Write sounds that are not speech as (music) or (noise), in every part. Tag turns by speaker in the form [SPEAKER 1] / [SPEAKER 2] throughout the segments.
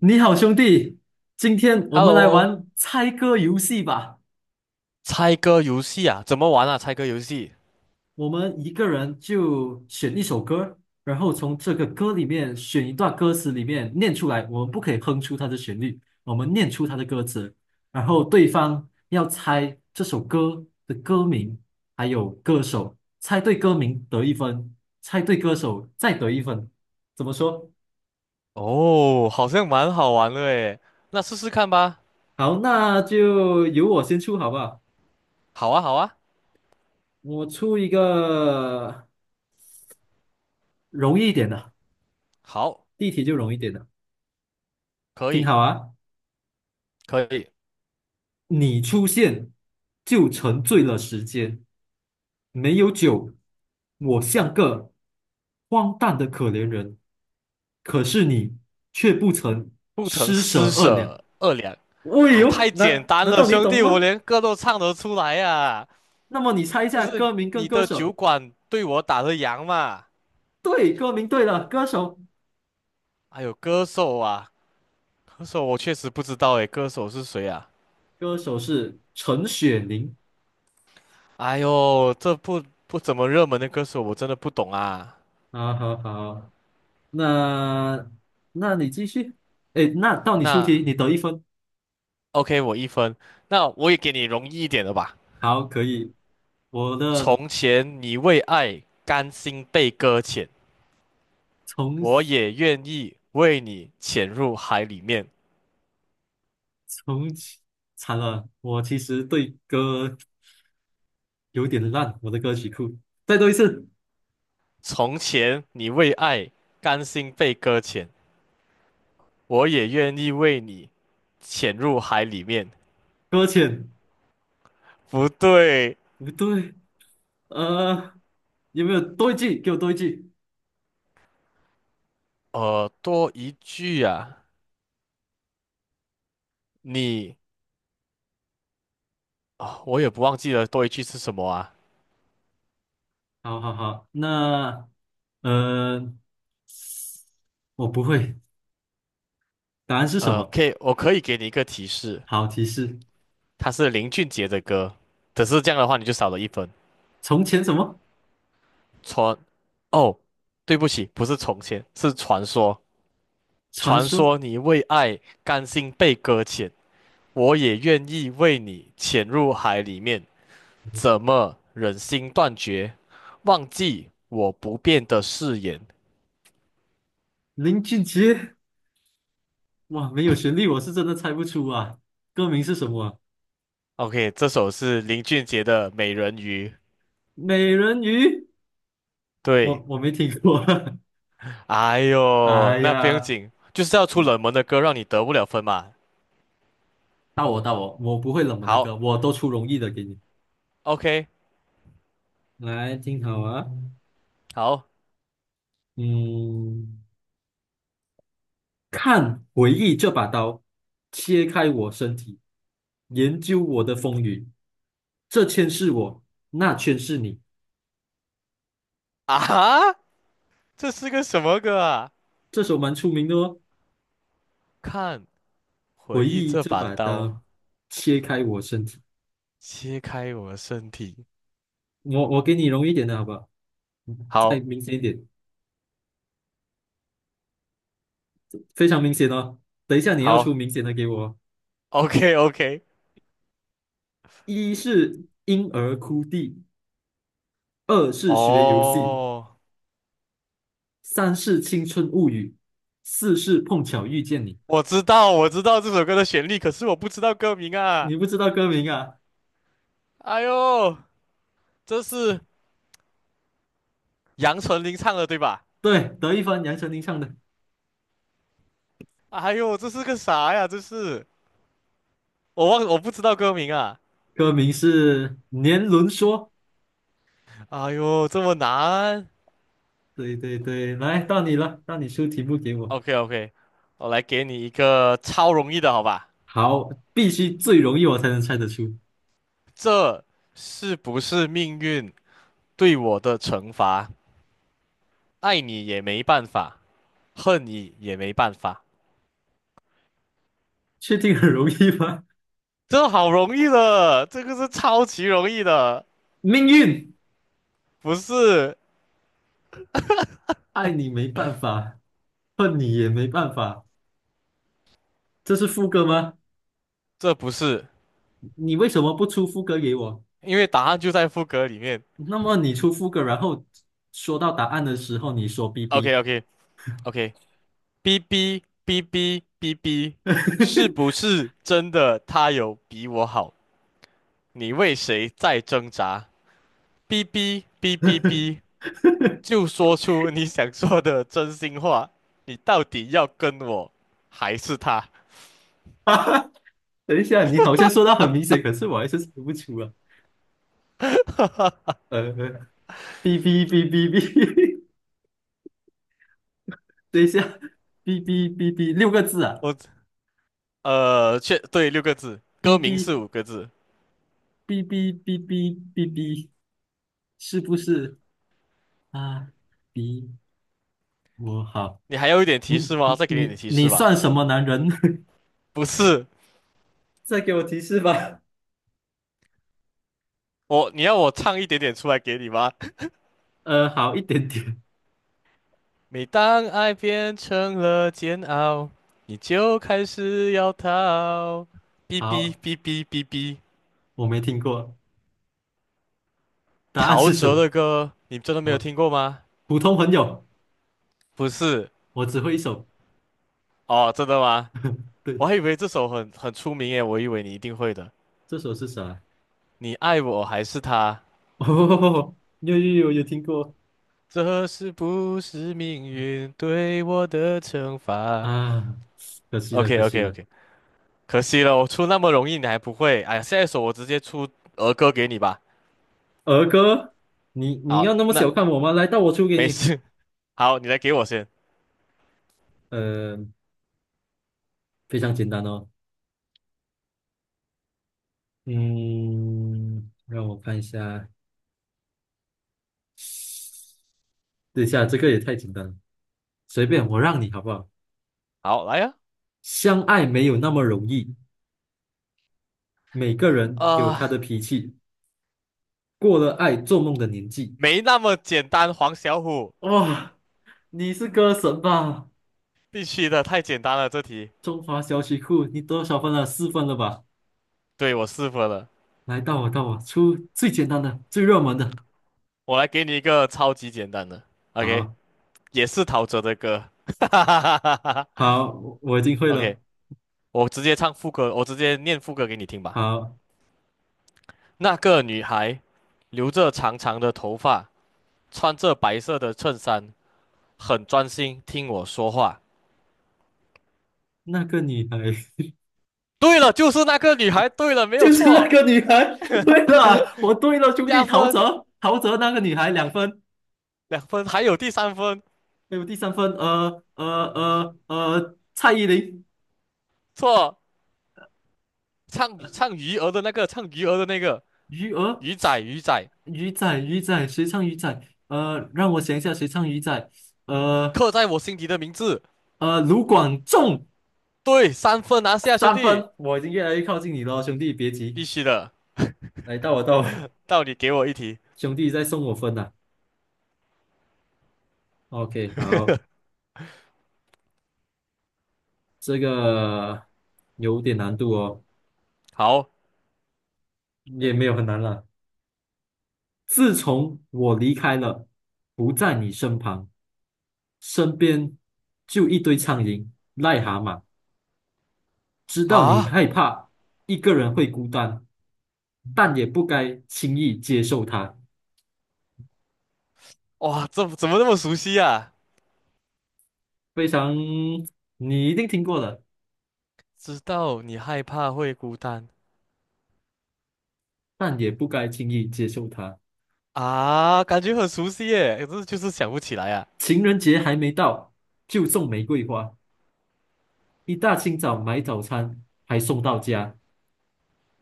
[SPEAKER 1] 你好，兄弟，今天我们来
[SPEAKER 2] Hello，
[SPEAKER 1] 玩猜歌游戏吧。
[SPEAKER 2] 猜歌游戏啊，怎么玩啊？猜歌游戏
[SPEAKER 1] 我们一个人就选一首歌，然后从这个歌里面选一段歌词里面念出来。我们不可以哼出它的旋律，我们念出它的歌词，然后对方要猜这首歌的歌名还有歌手，猜对歌名得一分，猜对歌手再得一分。怎么说？
[SPEAKER 2] 哦，好像蛮好玩的诶，那试试看吧。
[SPEAKER 1] 好，那就由我先出好不好？
[SPEAKER 2] 好啊，好啊，
[SPEAKER 1] 我出一个容易一点的。
[SPEAKER 2] 好，
[SPEAKER 1] 第一题就容易点了，
[SPEAKER 2] 可
[SPEAKER 1] 听
[SPEAKER 2] 以，
[SPEAKER 1] 好啊！
[SPEAKER 2] 可以，
[SPEAKER 1] 你出现就沉醉了时间，没有酒，我像个荒诞的可怜人，可是你却不曾
[SPEAKER 2] 不曾
[SPEAKER 1] 施舍
[SPEAKER 2] 施
[SPEAKER 1] 二两。
[SPEAKER 2] 舍二两，
[SPEAKER 1] 喂
[SPEAKER 2] 啊，太
[SPEAKER 1] 呦，
[SPEAKER 2] 简
[SPEAKER 1] 难
[SPEAKER 2] 单
[SPEAKER 1] 难
[SPEAKER 2] 了，
[SPEAKER 1] 道你
[SPEAKER 2] 兄
[SPEAKER 1] 懂
[SPEAKER 2] 弟，我
[SPEAKER 1] 吗？
[SPEAKER 2] 连歌都唱得出来呀、啊。
[SPEAKER 1] 那么你猜一
[SPEAKER 2] 就
[SPEAKER 1] 下
[SPEAKER 2] 是
[SPEAKER 1] 歌名跟
[SPEAKER 2] 你
[SPEAKER 1] 歌
[SPEAKER 2] 的酒
[SPEAKER 1] 手？
[SPEAKER 2] 馆对我打的烊嘛。
[SPEAKER 1] 对，歌名对了，歌手
[SPEAKER 2] 哎呦，歌手啊，歌手我确实不知道诶，歌手是谁啊？
[SPEAKER 1] 歌手是陈雪凝。
[SPEAKER 2] 哎呦，这不怎么热门的歌手，我真的不懂啊。
[SPEAKER 1] 好好好，那那你继续。哎，那到你出
[SPEAKER 2] 那。
[SPEAKER 1] 题，你得一分。
[SPEAKER 2] OK，我一分。那我也给你容易一点的吧。
[SPEAKER 1] 好，可以。我的
[SPEAKER 2] 从前你为爱甘心被搁浅，我
[SPEAKER 1] 从
[SPEAKER 2] 也愿意为你潜入海里面。
[SPEAKER 1] 从惨了，我其实对歌有点烂，我的歌曲库。再多一次，
[SPEAKER 2] 从前你为爱甘心被搁浅，我也愿意为你潜入海里面。
[SPEAKER 1] 搁浅，
[SPEAKER 2] 不对，
[SPEAKER 1] 不对，呃，有没有多一句？给我多一句。
[SPEAKER 2] 多一句啊，你啊、我也不忘记了多一句是什么啊。
[SPEAKER 1] 好好好，那呃，我不会，答案是什么？
[SPEAKER 2] 可以，我可以给你一个提示，
[SPEAKER 1] 好，提示：
[SPEAKER 2] 它是林俊杰的歌。只是这样的话，你就少了一分。
[SPEAKER 1] 从前什么
[SPEAKER 2] 传，哦，对不起，不是从前，是传说。
[SPEAKER 1] 传
[SPEAKER 2] 传
[SPEAKER 1] 说？
[SPEAKER 2] 说你为爱甘心被搁浅，我也愿意为你潜入海里面。怎么忍心断绝，忘记我不变的誓言
[SPEAKER 1] 林俊杰？哇，没有旋律，我是真的猜不出啊。歌名是什么啊
[SPEAKER 2] ？OK，这首是林俊杰的《美人鱼》。
[SPEAKER 1] 美人鱼？
[SPEAKER 2] 对，
[SPEAKER 1] 我没听过。(laughs)
[SPEAKER 2] 哎呦，
[SPEAKER 1] 哎
[SPEAKER 2] 那不用
[SPEAKER 1] 呀。
[SPEAKER 2] 紧，就是要出冷门的歌，让你得不了分嘛。
[SPEAKER 1] 到我到我，我不会冷门的
[SPEAKER 2] 好
[SPEAKER 1] 歌，我都出容易的给你。
[SPEAKER 2] ，OK，
[SPEAKER 1] 来，听好啊，
[SPEAKER 2] 好
[SPEAKER 1] 嗯，看回忆这把刀，切开我身体，研究我的风雨，这圈是我，那圈是你。
[SPEAKER 2] 啊，这是个什么歌啊？
[SPEAKER 1] 这首蛮出名的哦，
[SPEAKER 2] 看。回
[SPEAKER 1] 回
[SPEAKER 2] 忆
[SPEAKER 1] 忆
[SPEAKER 2] 这
[SPEAKER 1] 这
[SPEAKER 2] 把
[SPEAKER 1] 把刀，
[SPEAKER 2] 刀
[SPEAKER 1] 切开我身体。
[SPEAKER 2] 切开我的身体。
[SPEAKER 1] 我给你容易一点的好不好？再
[SPEAKER 2] 好，
[SPEAKER 1] 明显一点，非常明显哦。等一下你要出
[SPEAKER 2] 好
[SPEAKER 1] 明显的给我哦。
[SPEAKER 2] ，OK OK。
[SPEAKER 1] 一是婴儿哭地，二
[SPEAKER 2] (laughs)
[SPEAKER 1] 是学游戏。
[SPEAKER 2] 哦，
[SPEAKER 1] 三是青春物语，四是碰巧遇见你。
[SPEAKER 2] 我知道，我知道这首歌的旋律，可是我不知道歌名啊。
[SPEAKER 1] 你不知道歌名啊？
[SPEAKER 2] 哎呦，这是杨丞琳唱的对吧？
[SPEAKER 1] 对，德一帆、杨丞琳唱的，
[SPEAKER 2] 哎呦，这是个啥呀？这是我忘，我不知道歌名啊。
[SPEAKER 1] 歌名是《年轮说》。
[SPEAKER 2] 哎呦，这么难。
[SPEAKER 1] 对对对，来到你了，到你出题目给我。
[SPEAKER 2] OK OK，我来给你一个超容易的，好吧？
[SPEAKER 1] 好，必须最容易我才能猜得出，
[SPEAKER 2] 这是不是命运对我的惩罚？爱你也没办法。恨你也没办法。
[SPEAKER 1] 确定很容易吗？
[SPEAKER 2] 这好容易的，这个是超级容易的，
[SPEAKER 1] 命运，
[SPEAKER 2] 不是，
[SPEAKER 1] 爱你没办法，恨你也没办法。这是副歌吗？
[SPEAKER 2] 这不是，
[SPEAKER 1] 你为什么不出副歌给我？
[SPEAKER 2] 因为答案就在副歌里面。
[SPEAKER 1] 那么你出副歌，然后说到答案的时候，你说 "bb"。
[SPEAKER 2] OK OK OK，b BB BB B B B，是不
[SPEAKER 1] (laughs)
[SPEAKER 2] 是真的他有比我好？你为谁在挣扎？b b BB B B，就说出你想说的真心话。你到底要跟我还是他？
[SPEAKER 1] (laughs) 等一下，你好像说到很明显，可是我还是猜不出啊。呃，哔哔哔哔哔，(laughs) 等一下，哔哔哔哔，6个字啊，
[SPEAKER 2] 我确对六个字，歌
[SPEAKER 1] 哔
[SPEAKER 2] 名是
[SPEAKER 1] 哔
[SPEAKER 2] 五个字。
[SPEAKER 1] 哔哔哔哔哔哔，是不是啊？比我好，
[SPEAKER 2] 你还有一点
[SPEAKER 1] 你
[SPEAKER 2] 提示吗？
[SPEAKER 1] 你
[SPEAKER 2] 再给你一点
[SPEAKER 1] 你
[SPEAKER 2] 提示
[SPEAKER 1] 你
[SPEAKER 2] 吧。
[SPEAKER 1] 算什么男人？
[SPEAKER 2] 不是
[SPEAKER 1] (laughs) 再给我提示吧。
[SPEAKER 2] 我，你要我唱一点点出来给你吗？(laughs)
[SPEAKER 1] 好一点点，
[SPEAKER 2] 每当爱变成了煎熬，你就开始要逃。哔哔
[SPEAKER 1] 好，
[SPEAKER 2] 哔哔哔哔，
[SPEAKER 1] 我没听过，答案
[SPEAKER 2] 陶
[SPEAKER 1] 是什
[SPEAKER 2] 喆
[SPEAKER 1] 么？
[SPEAKER 2] 的歌，你真的没有
[SPEAKER 1] 好，
[SPEAKER 2] 听过吗？
[SPEAKER 1] 普通朋友，
[SPEAKER 2] 不是
[SPEAKER 1] 我只会一首，
[SPEAKER 2] 哦，真的吗？我
[SPEAKER 1] 对，
[SPEAKER 2] 还以为这首很出名耶，我以为你一定会的。
[SPEAKER 1] 这首是啥？
[SPEAKER 2] 你爱我还是他？
[SPEAKER 1] (laughs) 哦，有有有有听过。
[SPEAKER 2] 这是不是命运对我的惩罚
[SPEAKER 1] 啊，可惜了，
[SPEAKER 2] ？OK
[SPEAKER 1] 可惜
[SPEAKER 2] OK
[SPEAKER 1] 了。
[SPEAKER 2] OK，可惜了，我出那么容易你还不会。哎呀，下一首我直接出儿歌给你吧。
[SPEAKER 1] 儿歌，你
[SPEAKER 2] 好，
[SPEAKER 1] 要那么
[SPEAKER 2] 那
[SPEAKER 1] 小看我吗？来到我出给
[SPEAKER 2] 没
[SPEAKER 1] 你。
[SPEAKER 2] 事。(laughs) 好，你来给我先。
[SPEAKER 1] 呃，非常简单哦。嗯，让我看一下，等一下，这个也太简单了，随便我让你好不好？
[SPEAKER 2] 好，来呀、
[SPEAKER 1] 相爱没有那么容易，每个人有
[SPEAKER 2] 啊。呃，
[SPEAKER 1] 他的脾气，过了爱做梦的年纪。
[SPEAKER 2] 没那么简单，黄小虎，
[SPEAKER 1] 哇、你是歌神吧？
[SPEAKER 2] 必须的，太简单了这题。
[SPEAKER 1] 中华小曲库，你多少分了？4分了吧？
[SPEAKER 2] 对，我试过了。
[SPEAKER 1] 来，到我，到我，出最简单的、最热门的。
[SPEAKER 2] 我来给你一个超级简单的，OK，
[SPEAKER 1] 好。
[SPEAKER 2] 也是陶喆的歌。(laughs) 哈哈哈哈哈哈
[SPEAKER 1] 好，我已经会
[SPEAKER 2] OK，
[SPEAKER 1] 了。
[SPEAKER 2] 我直接唱副歌，我直接念副歌给你听吧。
[SPEAKER 1] 好，
[SPEAKER 2] 那个女孩，留着长长的头发，穿着白色的衬衫。很专心听我说话。
[SPEAKER 1] 那个女孩
[SPEAKER 2] 对了，就是那个女孩。对了，没
[SPEAKER 1] (laughs)
[SPEAKER 2] 有
[SPEAKER 1] 就是那
[SPEAKER 2] 错。
[SPEAKER 1] 个女孩。对了，我对了，兄
[SPEAKER 2] 加
[SPEAKER 1] 弟，陶
[SPEAKER 2] 分
[SPEAKER 1] 喆，陶喆那个女孩2分，
[SPEAKER 2] 两分，还有第三分
[SPEAKER 1] 还有第三分，蔡依林，
[SPEAKER 2] 错。唱唱鱼儿的那个，唱鱼儿的那个，
[SPEAKER 1] 鱼儿，
[SPEAKER 2] 鱼仔鱼仔，
[SPEAKER 1] 鱼仔，鱼仔，谁唱鱼仔？让我想一下，谁唱鱼仔？呃
[SPEAKER 2] 刻在我心底的名字。
[SPEAKER 1] 卢广仲
[SPEAKER 2] 对，三分拿下，兄
[SPEAKER 1] 三
[SPEAKER 2] 弟，
[SPEAKER 1] 分，我已经越来越靠近你了，兄弟，别急，
[SPEAKER 2] 必须的。
[SPEAKER 1] 来到我到我，
[SPEAKER 2] 到你给我一题。
[SPEAKER 1] 兄弟在送我分了。OK，好。这个有点难度哦，
[SPEAKER 2] 好
[SPEAKER 1] 也没有很难了。自从我离开了，不在你身旁，身边就一堆苍蝇、癞蛤蟆。知道你
[SPEAKER 2] 啊，
[SPEAKER 1] 害怕一个人会孤单，但也不该轻易接受它。
[SPEAKER 2] 哇，这怎么那么熟悉啊？
[SPEAKER 1] 非常，你一定听过了，
[SPEAKER 2] 知道你害怕会孤单
[SPEAKER 1] 但也不该轻易接受它。
[SPEAKER 2] 啊，感觉很熟悉耶，可是就是想不起来啊。
[SPEAKER 1] 情人节还没到，就送玫瑰花；一大清早买早餐，还送到家。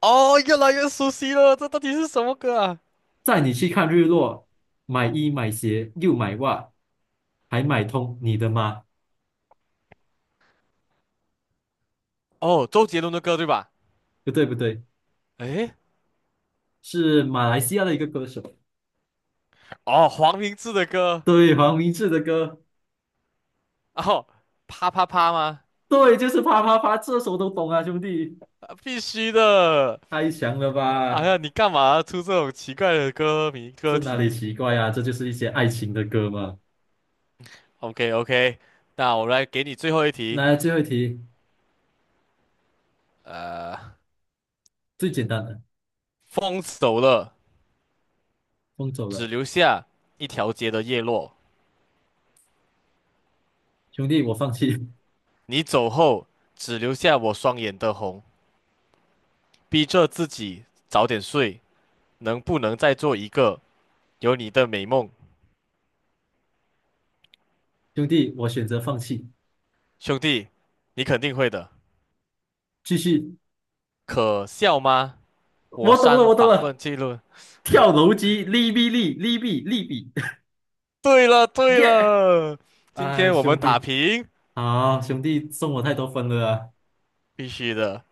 [SPEAKER 2] 哦，越来越熟悉了，这到底是什么歌啊？
[SPEAKER 1] 带你去看日落，买衣买鞋又买袜，还买通你的妈。
[SPEAKER 2] 哦，周杰伦的歌对吧？
[SPEAKER 1] 不对不对，
[SPEAKER 2] 诶，
[SPEAKER 1] 是马来西亚的一个歌手，
[SPEAKER 2] 哦，黄明志的歌，
[SPEAKER 1] 对，黄明志的歌，
[SPEAKER 2] 哦，啪啪啪吗？
[SPEAKER 1] 对，就是啪啪啪，这首都懂啊，兄弟，
[SPEAKER 2] 啊必须的。
[SPEAKER 1] 太强了
[SPEAKER 2] 哎
[SPEAKER 1] 吧？
[SPEAKER 2] 呀，你干嘛出这种奇怪的歌名歌
[SPEAKER 1] 这哪里
[SPEAKER 2] 题
[SPEAKER 1] 奇怪啊？这就是一些爱情的歌嘛。
[SPEAKER 2] ？OK OK，那我来给你最后一题。
[SPEAKER 1] 来，最后一题，
[SPEAKER 2] 呃，
[SPEAKER 1] 最简单的，
[SPEAKER 2] 风走了，
[SPEAKER 1] 风走
[SPEAKER 2] 只
[SPEAKER 1] 了，
[SPEAKER 2] 留下一条街的叶落；
[SPEAKER 1] 兄弟，我放弃，
[SPEAKER 2] 你走后，只留下我双眼的红。逼着自己早点睡，能不能再做一个有你的美梦？
[SPEAKER 1] (laughs) 兄弟，我选择放弃，
[SPEAKER 2] 兄弟，你肯定会的。
[SPEAKER 1] 继续，
[SPEAKER 2] 可笑吗？我
[SPEAKER 1] 我懂了，
[SPEAKER 2] 删
[SPEAKER 1] 我懂
[SPEAKER 2] 访问
[SPEAKER 1] 了，
[SPEAKER 2] 记录。
[SPEAKER 1] 跳楼机，利弊利，利弊利弊，
[SPEAKER 2] 对了
[SPEAKER 1] (laughs)
[SPEAKER 2] 对
[SPEAKER 1] 耶！
[SPEAKER 2] 了，今
[SPEAKER 1] 哎，
[SPEAKER 2] 天我们
[SPEAKER 1] 兄
[SPEAKER 2] 打
[SPEAKER 1] 弟，
[SPEAKER 2] 平，
[SPEAKER 1] 好，兄弟送我太多分了啊
[SPEAKER 2] 必须的。